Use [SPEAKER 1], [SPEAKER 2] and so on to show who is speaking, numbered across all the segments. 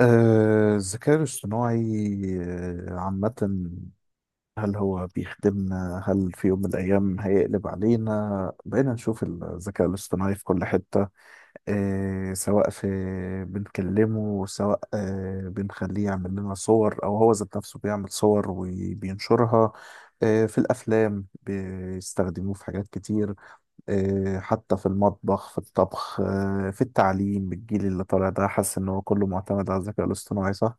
[SPEAKER 1] الذكاء الاصطناعي عامة. هل هو بيخدمنا؟ هل في يوم من الأيام هيقلب علينا؟ بقينا نشوف الذكاء الاصطناعي في كل حتة، سواء في بنكلمه، سواء بنخليه يعمل لنا صور أو هو ذات نفسه بيعمل صور وبينشرها. في الأفلام بيستخدموه في حاجات كتير. حتى في المطبخ في الطبخ، في التعليم الجيل اللي طالع ده حاسس إن هو كله معتمد على الذكاء الاصطناعي، صح؟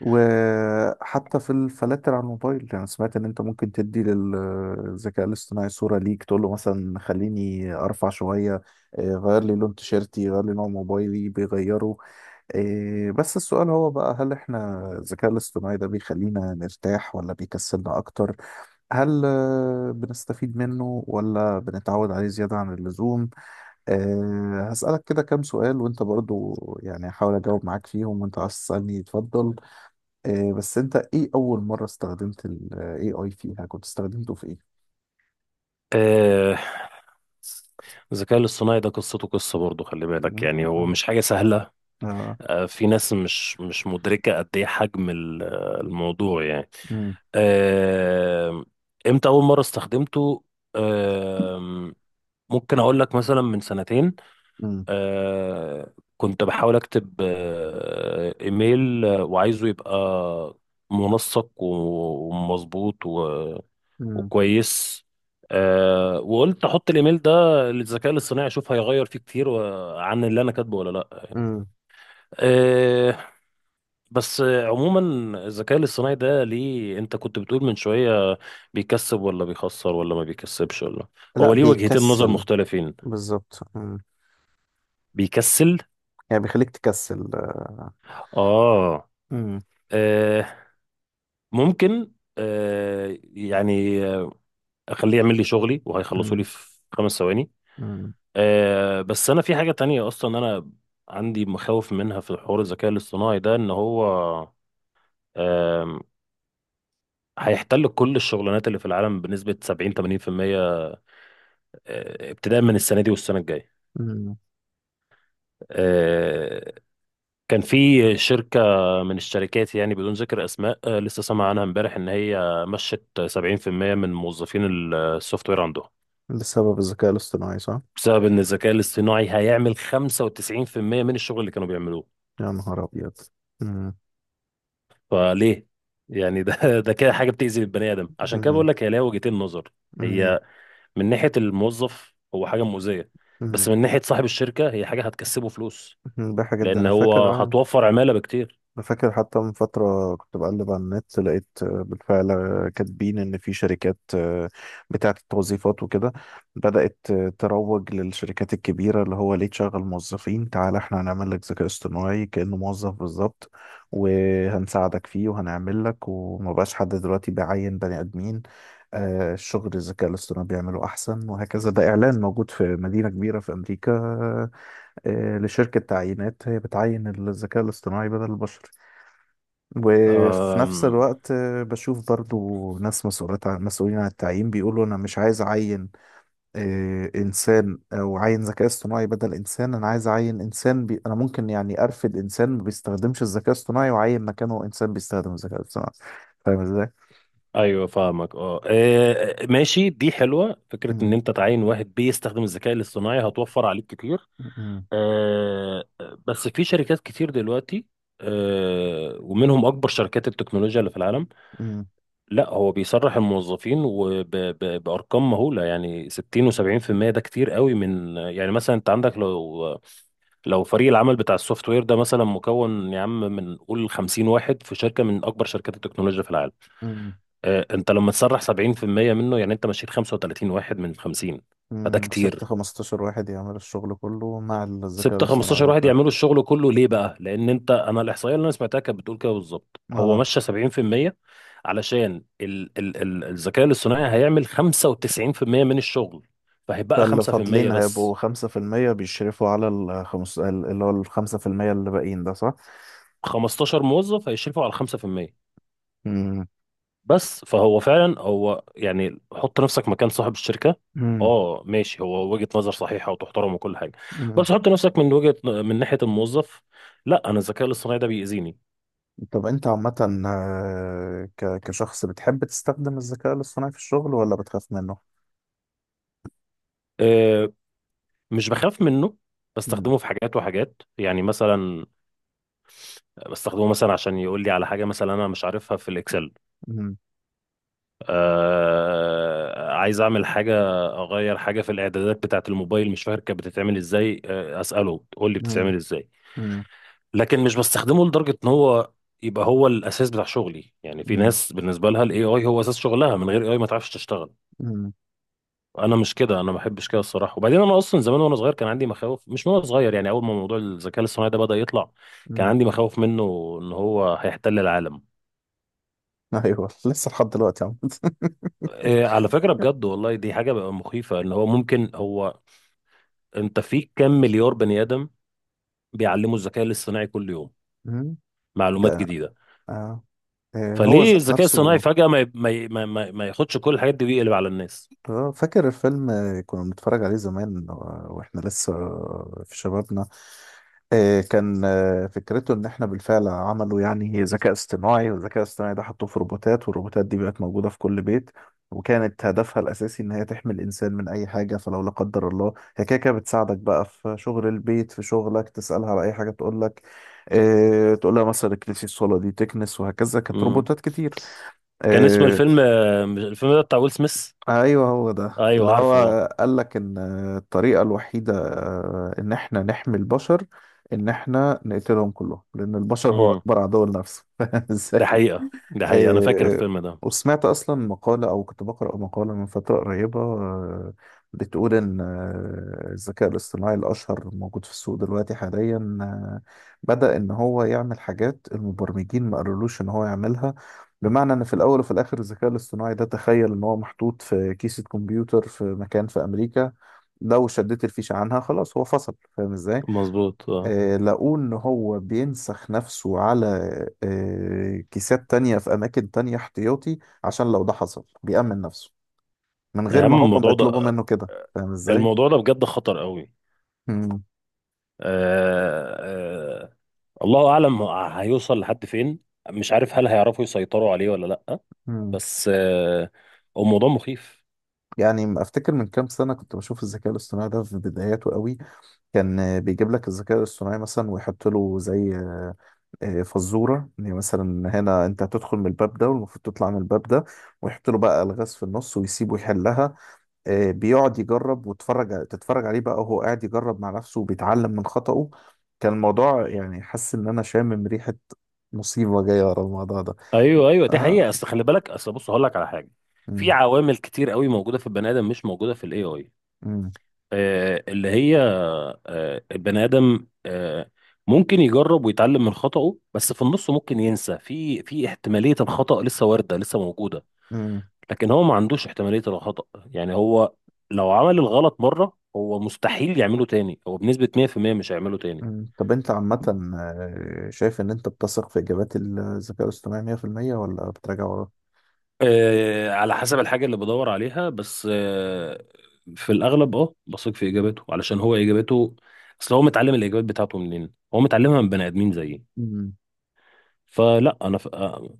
[SPEAKER 1] وحتى في الفلاتر على الموبايل، يعني سمعت ان انت ممكن تدي للذكاء الاصطناعي صورة ليك تقول له مثلا خليني ارفع شوية، غير لي لون تيشيرتي، غير لي نوع موبايلي بيغيره. بس السؤال هو بقى، هل احنا الذكاء الاصطناعي ده بيخلينا نرتاح ولا بيكسلنا اكتر؟ هل بنستفيد منه ولا بنتعود عليه زيادة عن اللزوم؟ هسألك كده كام سؤال وانت برضو. يعني هحاول اجاوب معاك فيهم، وانت عايز تسألني اتفضل. بس انت ايه اول مرة استخدمت ال AI فيها كنت استخدمته في ايه؟
[SPEAKER 2] آه، الذكاء الاصطناعي ده قصته قصة برضه، خلي بالك، يعني هو مش حاجة سهلة.
[SPEAKER 1] اه.
[SPEAKER 2] في ناس مش مدركة قد ايه حجم الموضوع يعني.
[SPEAKER 1] امم.
[SPEAKER 2] آه، امتى أول مرة استخدمته؟ آه، ممكن أقول لك مثلا من سنتين.
[SPEAKER 1] امم.
[SPEAKER 2] كنت بحاول أكتب إيميل، وعايزه يبقى منسق ومظبوط
[SPEAKER 1] امم.
[SPEAKER 2] وكويس. وقلت احط الايميل ده للذكاء الاصطناعي، اشوف هيغير فيه كتير عن اللي انا كاتبه ولا لا.
[SPEAKER 1] امم.
[SPEAKER 2] آه بس عموما، الذكاء الاصطناعي ده، ليه انت كنت بتقول من شوية بيكسب ولا بيخسر ولا ما بيكسبش ولا؟
[SPEAKER 1] لا
[SPEAKER 2] هو ليه وجهتين نظر
[SPEAKER 1] بيكسل.
[SPEAKER 2] مختلفين.
[SPEAKER 1] بالظبط. امم.
[SPEAKER 2] بيكسل.
[SPEAKER 1] يعني بيخليك تكسل.
[SPEAKER 2] اه،
[SPEAKER 1] امم.
[SPEAKER 2] آه ممكن، يعني اخليه يعمل لي شغلي وهيخلصه لي
[SPEAKER 1] امم.
[SPEAKER 2] في 5 ثواني.
[SPEAKER 1] امم.
[SPEAKER 2] بس انا في حاجة تانية، اصلا انا عندي مخاوف منها في حوار الذكاء الاصطناعي ده، ان هو آم، هيحتل كل الشغلانات اللي في العالم بنسبة 70 80%، ابتداء من السنة دي والسنة الجاية.
[SPEAKER 1] امم.
[SPEAKER 2] آه، كان في شركة من الشركات، يعني بدون ذكر اسماء، لسه سامع عنها امبارح ان هي مشت 70% من موظفين السوفت وير عندهم،
[SPEAKER 1] بسبب الذكاء الاصطناعي، صح؟
[SPEAKER 2] بسبب ان الذكاء الاصطناعي هيعمل 95% من الشغل اللي كانوا بيعملوه.
[SPEAKER 1] يا نهار ابيض. امم.
[SPEAKER 2] فليه يعني؟ ده ده كده حاجه بتأذي البني ادم، عشان كده
[SPEAKER 1] امم.
[SPEAKER 2] بقول لك هي ليها وجهتين نظر.
[SPEAKER 1] امم.
[SPEAKER 2] هي من ناحيه الموظف هو حاجه مؤذيه، بس من ناحيه صاحب الشركه هي حاجه هتكسبه فلوس،
[SPEAKER 1] امم. بحاجة جدا،
[SPEAKER 2] لان
[SPEAKER 1] انا
[SPEAKER 2] هو
[SPEAKER 1] فاكر.
[SPEAKER 2] هتوفر عماله بكتير.
[SPEAKER 1] أنا فاكر حتى من فترة كنت بقلب على النت، لقيت بالفعل كاتبين إن في شركات بتاعة التوظيفات وكده، بدأت تروج للشركات الكبيرة اللي هو ليه تشغل موظفين، تعال إحنا هنعمل لك ذكاء اصطناعي كأنه موظف بالظبط، وهنساعدك فيه وهنعمل لك، وما بقاش حد دلوقتي بيعين بني آدمين. الشغل الذكاء الاصطناعي بيعمله أحسن وهكذا. ده إعلان موجود في مدينة كبيرة في أمريكا، لشركة تعيينات هي بتعين الذكاء الاصطناعي بدل البشر. وفي نفس
[SPEAKER 2] أم...
[SPEAKER 1] الوقت بشوف برضو ناس مسؤولات عن مسؤولين عن التعيين بيقولوا انا مش عايز اعين انسان او عين ذكاء اصطناعي بدل انسان. انا عايز اعين انسان انا ممكن يعني ارفد انسان ما بيستخدمش الذكاء الاصطناعي واعين مكانه انسان بيستخدم الذكاء الاصطناعي، فاهم ازاي؟
[SPEAKER 2] ايوه، فاهمك. اه، إيه، ماشي، دي حلوه فكره ان
[SPEAKER 1] مم.
[SPEAKER 2] انت تعين واحد بيستخدم الذكاء الاصطناعي، هتوفر عليك كتير.
[SPEAKER 1] مم.
[SPEAKER 2] أه... بس في شركات كتير دلوقتي، ومنهم اكبر شركات التكنولوجيا اللي في العالم،
[SPEAKER 1] مم.
[SPEAKER 2] لا هو بيسرح الموظفين وبأرقام مهولة، يعني 60 و70%. ده كتير قوي، من يعني مثلا انت عندك، لو فريق العمل بتاع السوفت وير ده مثلا مكون، يا عم، من قول 50 واحد في شركة من أكبر شركات التكنولوجيا في العالم،
[SPEAKER 1] مم.
[SPEAKER 2] انت لما تسرح 70% منه، يعني انت مشيت 35 واحد من 50. فده
[SPEAKER 1] مم. سبت
[SPEAKER 2] كتير.
[SPEAKER 1] 15 واحد يعمل الشغل كله مع الذكاء
[SPEAKER 2] سبت
[SPEAKER 1] الاصطناعي
[SPEAKER 2] 15 واحد
[SPEAKER 1] بالفعل.
[SPEAKER 2] يعملوا الشغل كله، ليه بقى؟ لأن أنت، أنا الإحصائية اللي أنا سمعتها كانت بتقول كده بالظبط، هو
[SPEAKER 1] اه.
[SPEAKER 2] مشى 70% علشان ال الذكاء الاصطناعي هيعمل 95% من الشغل، فهيبقى
[SPEAKER 1] فاللي
[SPEAKER 2] 5%.
[SPEAKER 1] فاضلين هيبقوا
[SPEAKER 2] بس
[SPEAKER 1] 5% بيشرفوا على الخمس اللي هو الخمسة في المية اللي باقيين ده، صح؟
[SPEAKER 2] 15 موظف هيشرفوا على 5%.
[SPEAKER 1] مم.
[SPEAKER 2] بس فهو فعلا هو، يعني حط نفسك مكان صاحب الشركة.
[SPEAKER 1] مم.
[SPEAKER 2] اه، ماشي، هو وجهة نظر صحيحة وتحترم وكل حاجة،
[SPEAKER 1] مم.
[SPEAKER 2] بس حط نفسك من من ناحية الموظف. لا، أنا الذكاء الاصطناعي ده بيأذيني.
[SPEAKER 1] طب أنت عامة، كشخص بتحب تستخدم الذكاء الاصطناعي في الشغل ولا بتخاف منه؟
[SPEAKER 2] آه، مش بخاف منه.
[SPEAKER 1] مم.
[SPEAKER 2] بستخدمه في حاجات وحاجات يعني، مثلا بستخدمه مثلا عشان يقول لي على حاجة، مثلا أنا مش عارفها في الإكسل.
[SPEAKER 1] مم.
[SPEAKER 2] عايز أعمل حاجة، أغير حاجة في الإعدادات بتاعة الموبايل، مش فاكر كانت بتتعمل إزاي، أسأله تقول لي
[SPEAKER 1] مم.
[SPEAKER 2] بتتعمل إزاي.
[SPEAKER 1] مم.
[SPEAKER 2] لكن مش بستخدمه لدرجة إن هو يبقى هو الأساس بتاع شغلي. يعني
[SPEAKER 1] مم.
[SPEAKER 2] في
[SPEAKER 1] مم.
[SPEAKER 2] ناس بالنسبة لها ال AI هو أساس شغلها، من غير AI ما تعرفش تشتغل. انا مش كده، انا ما بحبش كده الصراحه. وبعدين انا اصلا زمان وانا صغير كان عندي مخاوف، مش من وانا صغير، يعني اول ما موضوع الذكاء الاصطناعي ده بدا يطلع، كان
[SPEAKER 1] مم.
[SPEAKER 2] عندي مخاوف منه ان هو هيحتل العالم.
[SPEAKER 1] أيوه لسه لحد دلوقتي عم
[SPEAKER 2] إيه، على فكره، بجد والله دي حاجه بقى مخيفه، ان هو ممكن هو، انت في كام مليار بني ادم بيعلموا الذكاء الاصطناعي كل يوم
[SPEAKER 1] مم.
[SPEAKER 2] معلومات
[SPEAKER 1] ده.
[SPEAKER 2] جديده.
[SPEAKER 1] آه. هو
[SPEAKER 2] فليه
[SPEAKER 1] ذات
[SPEAKER 2] الذكاء الصناعي
[SPEAKER 1] نفسه.
[SPEAKER 2] فجاه ما ي- ما ي- ما, ما, ما ياخدش كل الحاجات دي ويقلب على الناس.
[SPEAKER 1] اه فاكر الفيلم، كنا بنتفرج عليه زمان واحنا لسه في شبابنا. كان فكرته ان احنا بالفعل عملوا يعني ذكاء اصطناعي، والذكاء الاصطناعي ده حطوه في روبوتات، والروبوتات دي بقت موجودة في كل بيت، وكانت هدفها الاساسي ان هي تحمي الانسان من اي حاجة. فلو لا قدر الله، هي كده كده بتساعدك بقى في شغل البيت، في شغلك، تسألها على اي حاجة تقول لك. اه. تقول لها مثلا اكنسي الصالة دي تكنس، وهكذا كانت
[SPEAKER 2] امم
[SPEAKER 1] روبوتات كتير.
[SPEAKER 2] كان اسم
[SPEAKER 1] آه،
[SPEAKER 2] الفيلم، الفيلم ده بتاع ويل سميث.
[SPEAKER 1] ايوه هو ده اللي
[SPEAKER 2] ايوه،
[SPEAKER 1] هو
[SPEAKER 2] عارفه.
[SPEAKER 1] قال لك ان الطريقه الوحيده ان احنا نحمي البشر ان احنا نقتلهم كلهم، لان البشر هو
[SPEAKER 2] امم
[SPEAKER 1] اكبر عدو لنفسه.
[SPEAKER 2] ده
[SPEAKER 1] ازاي.
[SPEAKER 2] حقيقه، ده حقيقه، انا فاكر
[SPEAKER 1] آه،
[SPEAKER 2] الفيلم ده.
[SPEAKER 1] وسمعت أصلا مقالة أو كنت بقرأ مقالة من فترة قريبة بتقول إن الذكاء الاصطناعي الأشهر موجود في السوق دلوقتي حاليا بدأ إن هو يعمل حاجات المبرمجين ما قالولوش إن هو يعملها، بمعنى إن في الأول وفي الآخر الذكاء الاصطناعي ده تخيل إن هو محطوط في كيسة كمبيوتر في مكان في أمريكا، لو شديت الفيشة عنها خلاص هو فصل، فاهم إزاي؟
[SPEAKER 2] مظبوط، اه.
[SPEAKER 1] لقوه إن هو بينسخ نفسه على كيسات تانية في أماكن تانية احتياطي، عشان لو ده حصل بيأمن نفسه من
[SPEAKER 2] يا
[SPEAKER 1] غير
[SPEAKER 2] عم،
[SPEAKER 1] ما هم ما
[SPEAKER 2] الموضوع
[SPEAKER 1] يطلبوا
[SPEAKER 2] ده،
[SPEAKER 1] منه كده، فاهم إزاي؟
[SPEAKER 2] بجد خطر قوي.
[SPEAKER 1] مم.
[SPEAKER 2] آه آه الله اعلم هيوصل لحد فين. مش عارف هل هيعرفوا يسيطروا عليه ولا لا.
[SPEAKER 1] مم.
[SPEAKER 2] بس هو موضوع مخيف.
[SPEAKER 1] يعني أفتكر من كام سنة كنت بشوف الذكاء الاصطناعي ده في بداياته قوي. كان بيجيب لك الذكاء الاصطناعي مثلا ويحط له زي فزورة يعني مثلا، هنا أنت هتدخل من الباب ده والمفروض تطلع من الباب ده، ويحط له بقى ألغاز في النص ويسيبه يحلها. بيقعد يجرب وتتفرج عليه بقى، وهو قاعد يجرب مع نفسه وبيتعلم من خطأه. كان الموضوع يعني حاسس ان انا شامم ريحة مصيبة جاية ورا الموضوع ده.
[SPEAKER 2] ايوه، ايوه، دي
[SPEAKER 1] اه.
[SPEAKER 2] حقيقه. اصل خلي بالك، اصل بص هقول لك على حاجه. في
[SPEAKER 1] مم.
[SPEAKER 2] عوامل كتير قوي موجوده في البني ادم مش موجوده في ال AI،
[SPEAKER 1] مم.
[SPEAKER 2] اللي هي البني ادم ممكن يجرب ويتعلم من خطأه، بس في النص ممكن ينسى، في احتمالية الخطأ لسه واردة لسه موجودة.
[SPEAKER 1] مم.
[SPEAKER 2] لكن هو ما عندوش احتمالية الخطأ، يعني هو لو عمل الغلط مرة هو مستحيل يعمله تاني، هو بنسبة 100% مش هيعمله تاني.
[SPEAKER 1] مم. طب انت عامة، شايف ان انت بتثق في اجابات الذكاء الاصطناعي 100% ولا بتراجع وراه؟
[SPEAKER 2] على حسب الحاجة اللي بدور عليها، بس في الأغلب بثق في إجاباته، علشان هو إجاباته، أصل هو متعلم الإجابات بتاعته منين؟ هو متعلمها من بني آدمين زيي.
[SPEAKER 1] مم.
[SPEAKER 2] فلا انا ف...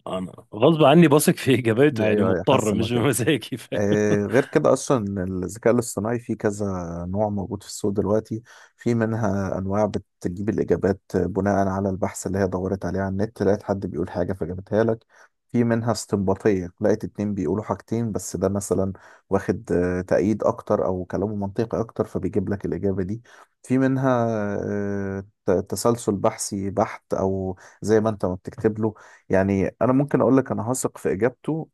[SPEAKER 2] انا غصب عني بثق في اجاباته، يعني
[SPEAKER 1] ايوه، أيوة، حاسس
[SPEAKER 2] مضطر
[SPEAKER 1] ان هو
[SPEAKER 2] مش
[SPEAKER 1] كده.
[SPEAKER 2] بمزاجي فاهم؟
[SPEAKER 1] غير كده اصلا الذكاء الاصطناعي فيه كذا نوع موجود في السوق دلوقتي. في منها انواع بتجيب الاجابات بناء على البحث اللي هي دورت عليه على النت، لقيت حد بيقول حاجه فجابتها لك. في منها استنباطيه، لقيت اتنين بيقولوا حاجتين بس ده مثلا واخد تأييد اكتر او كلامه منطقي اكتر، فبيجيب لك الاجابه دي. في منها تسلسل بحثي بحت، او زي ما انت ما بتكتب له، يعني انا ممكن اقول لك انا هثق في اجابته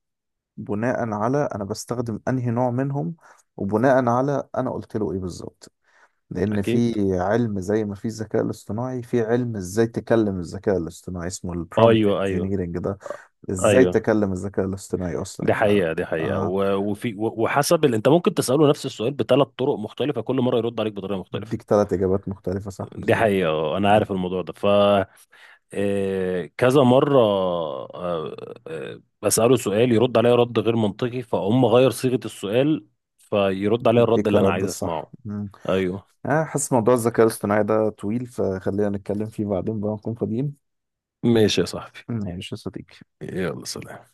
[SPEAKER 1] بناء على انا بستخدم انهي نوع منهم، وبناء على انا قلت له ايه بالظبط، لان
[SPEAKER 2] اكيد.
[SPEAKER 1] في علم زي ما في الذكاء الاصطناعي في علم ازاي تكلم الذكاء الاصطناعي اسمه البرومبت
[SPEAKER 2] ايوه، ايوه،
[SPEAKER 1] انجينيرنج ده، ازاي
[SPEAKER 2] ايوه،
[SPEAKER 1] تكلم الذكاء الاصطناعي اصلا،
[SPEAKER 2] دي
[SPEAKER 1] ف
[SPEAKER 2] حقيقة، دي حقيقة،
[SPEAKER 1] آه
[SPEAKER 2] وحسب انت ممكن تسأله نفس السؤال بثلاث طرق مختلفة، كل مرة يرد عليك بطريقة مختلفة.
[SPEAKER 1] بيديك ثلاث اجابات مختلفه، صح،
[SPEAKER 2] دي
[SPEAKER 1] بالظبط.
[SPEAKER 2] حقيقة. انا
[SPEAKER 1] مم.
[SPEAKER 2] عارف الموضوع ده. كذا مرة، بسأله سؤال يرد عليا رد غير منطقي، فاقوم غير صيغة السؤال فيرد عليا الرد
[SPEAKER 1] بيديك
[SPEAKER 2] اللي انا
[SPEAKER 1] الرد
[SPEAKER 2] عايز
[SPEAKER 1] الصح.
[SPEAKER 2] اسمعه.
[SPEAKER 1] مم.
[SPEAKER 2] ايوه.
[SPEAKER 1] حاسس موضوع الذكاء الاصطناعي ده طويل، فخلينا نتكلم فيه بعدين بقى نكون فاضيين.
[SPEAKER 2] ماشي يا صاحبي.
[SPEAKER 1] مم، ماشي يا صديقي.
[SPEAKER 2] يلا، سلام.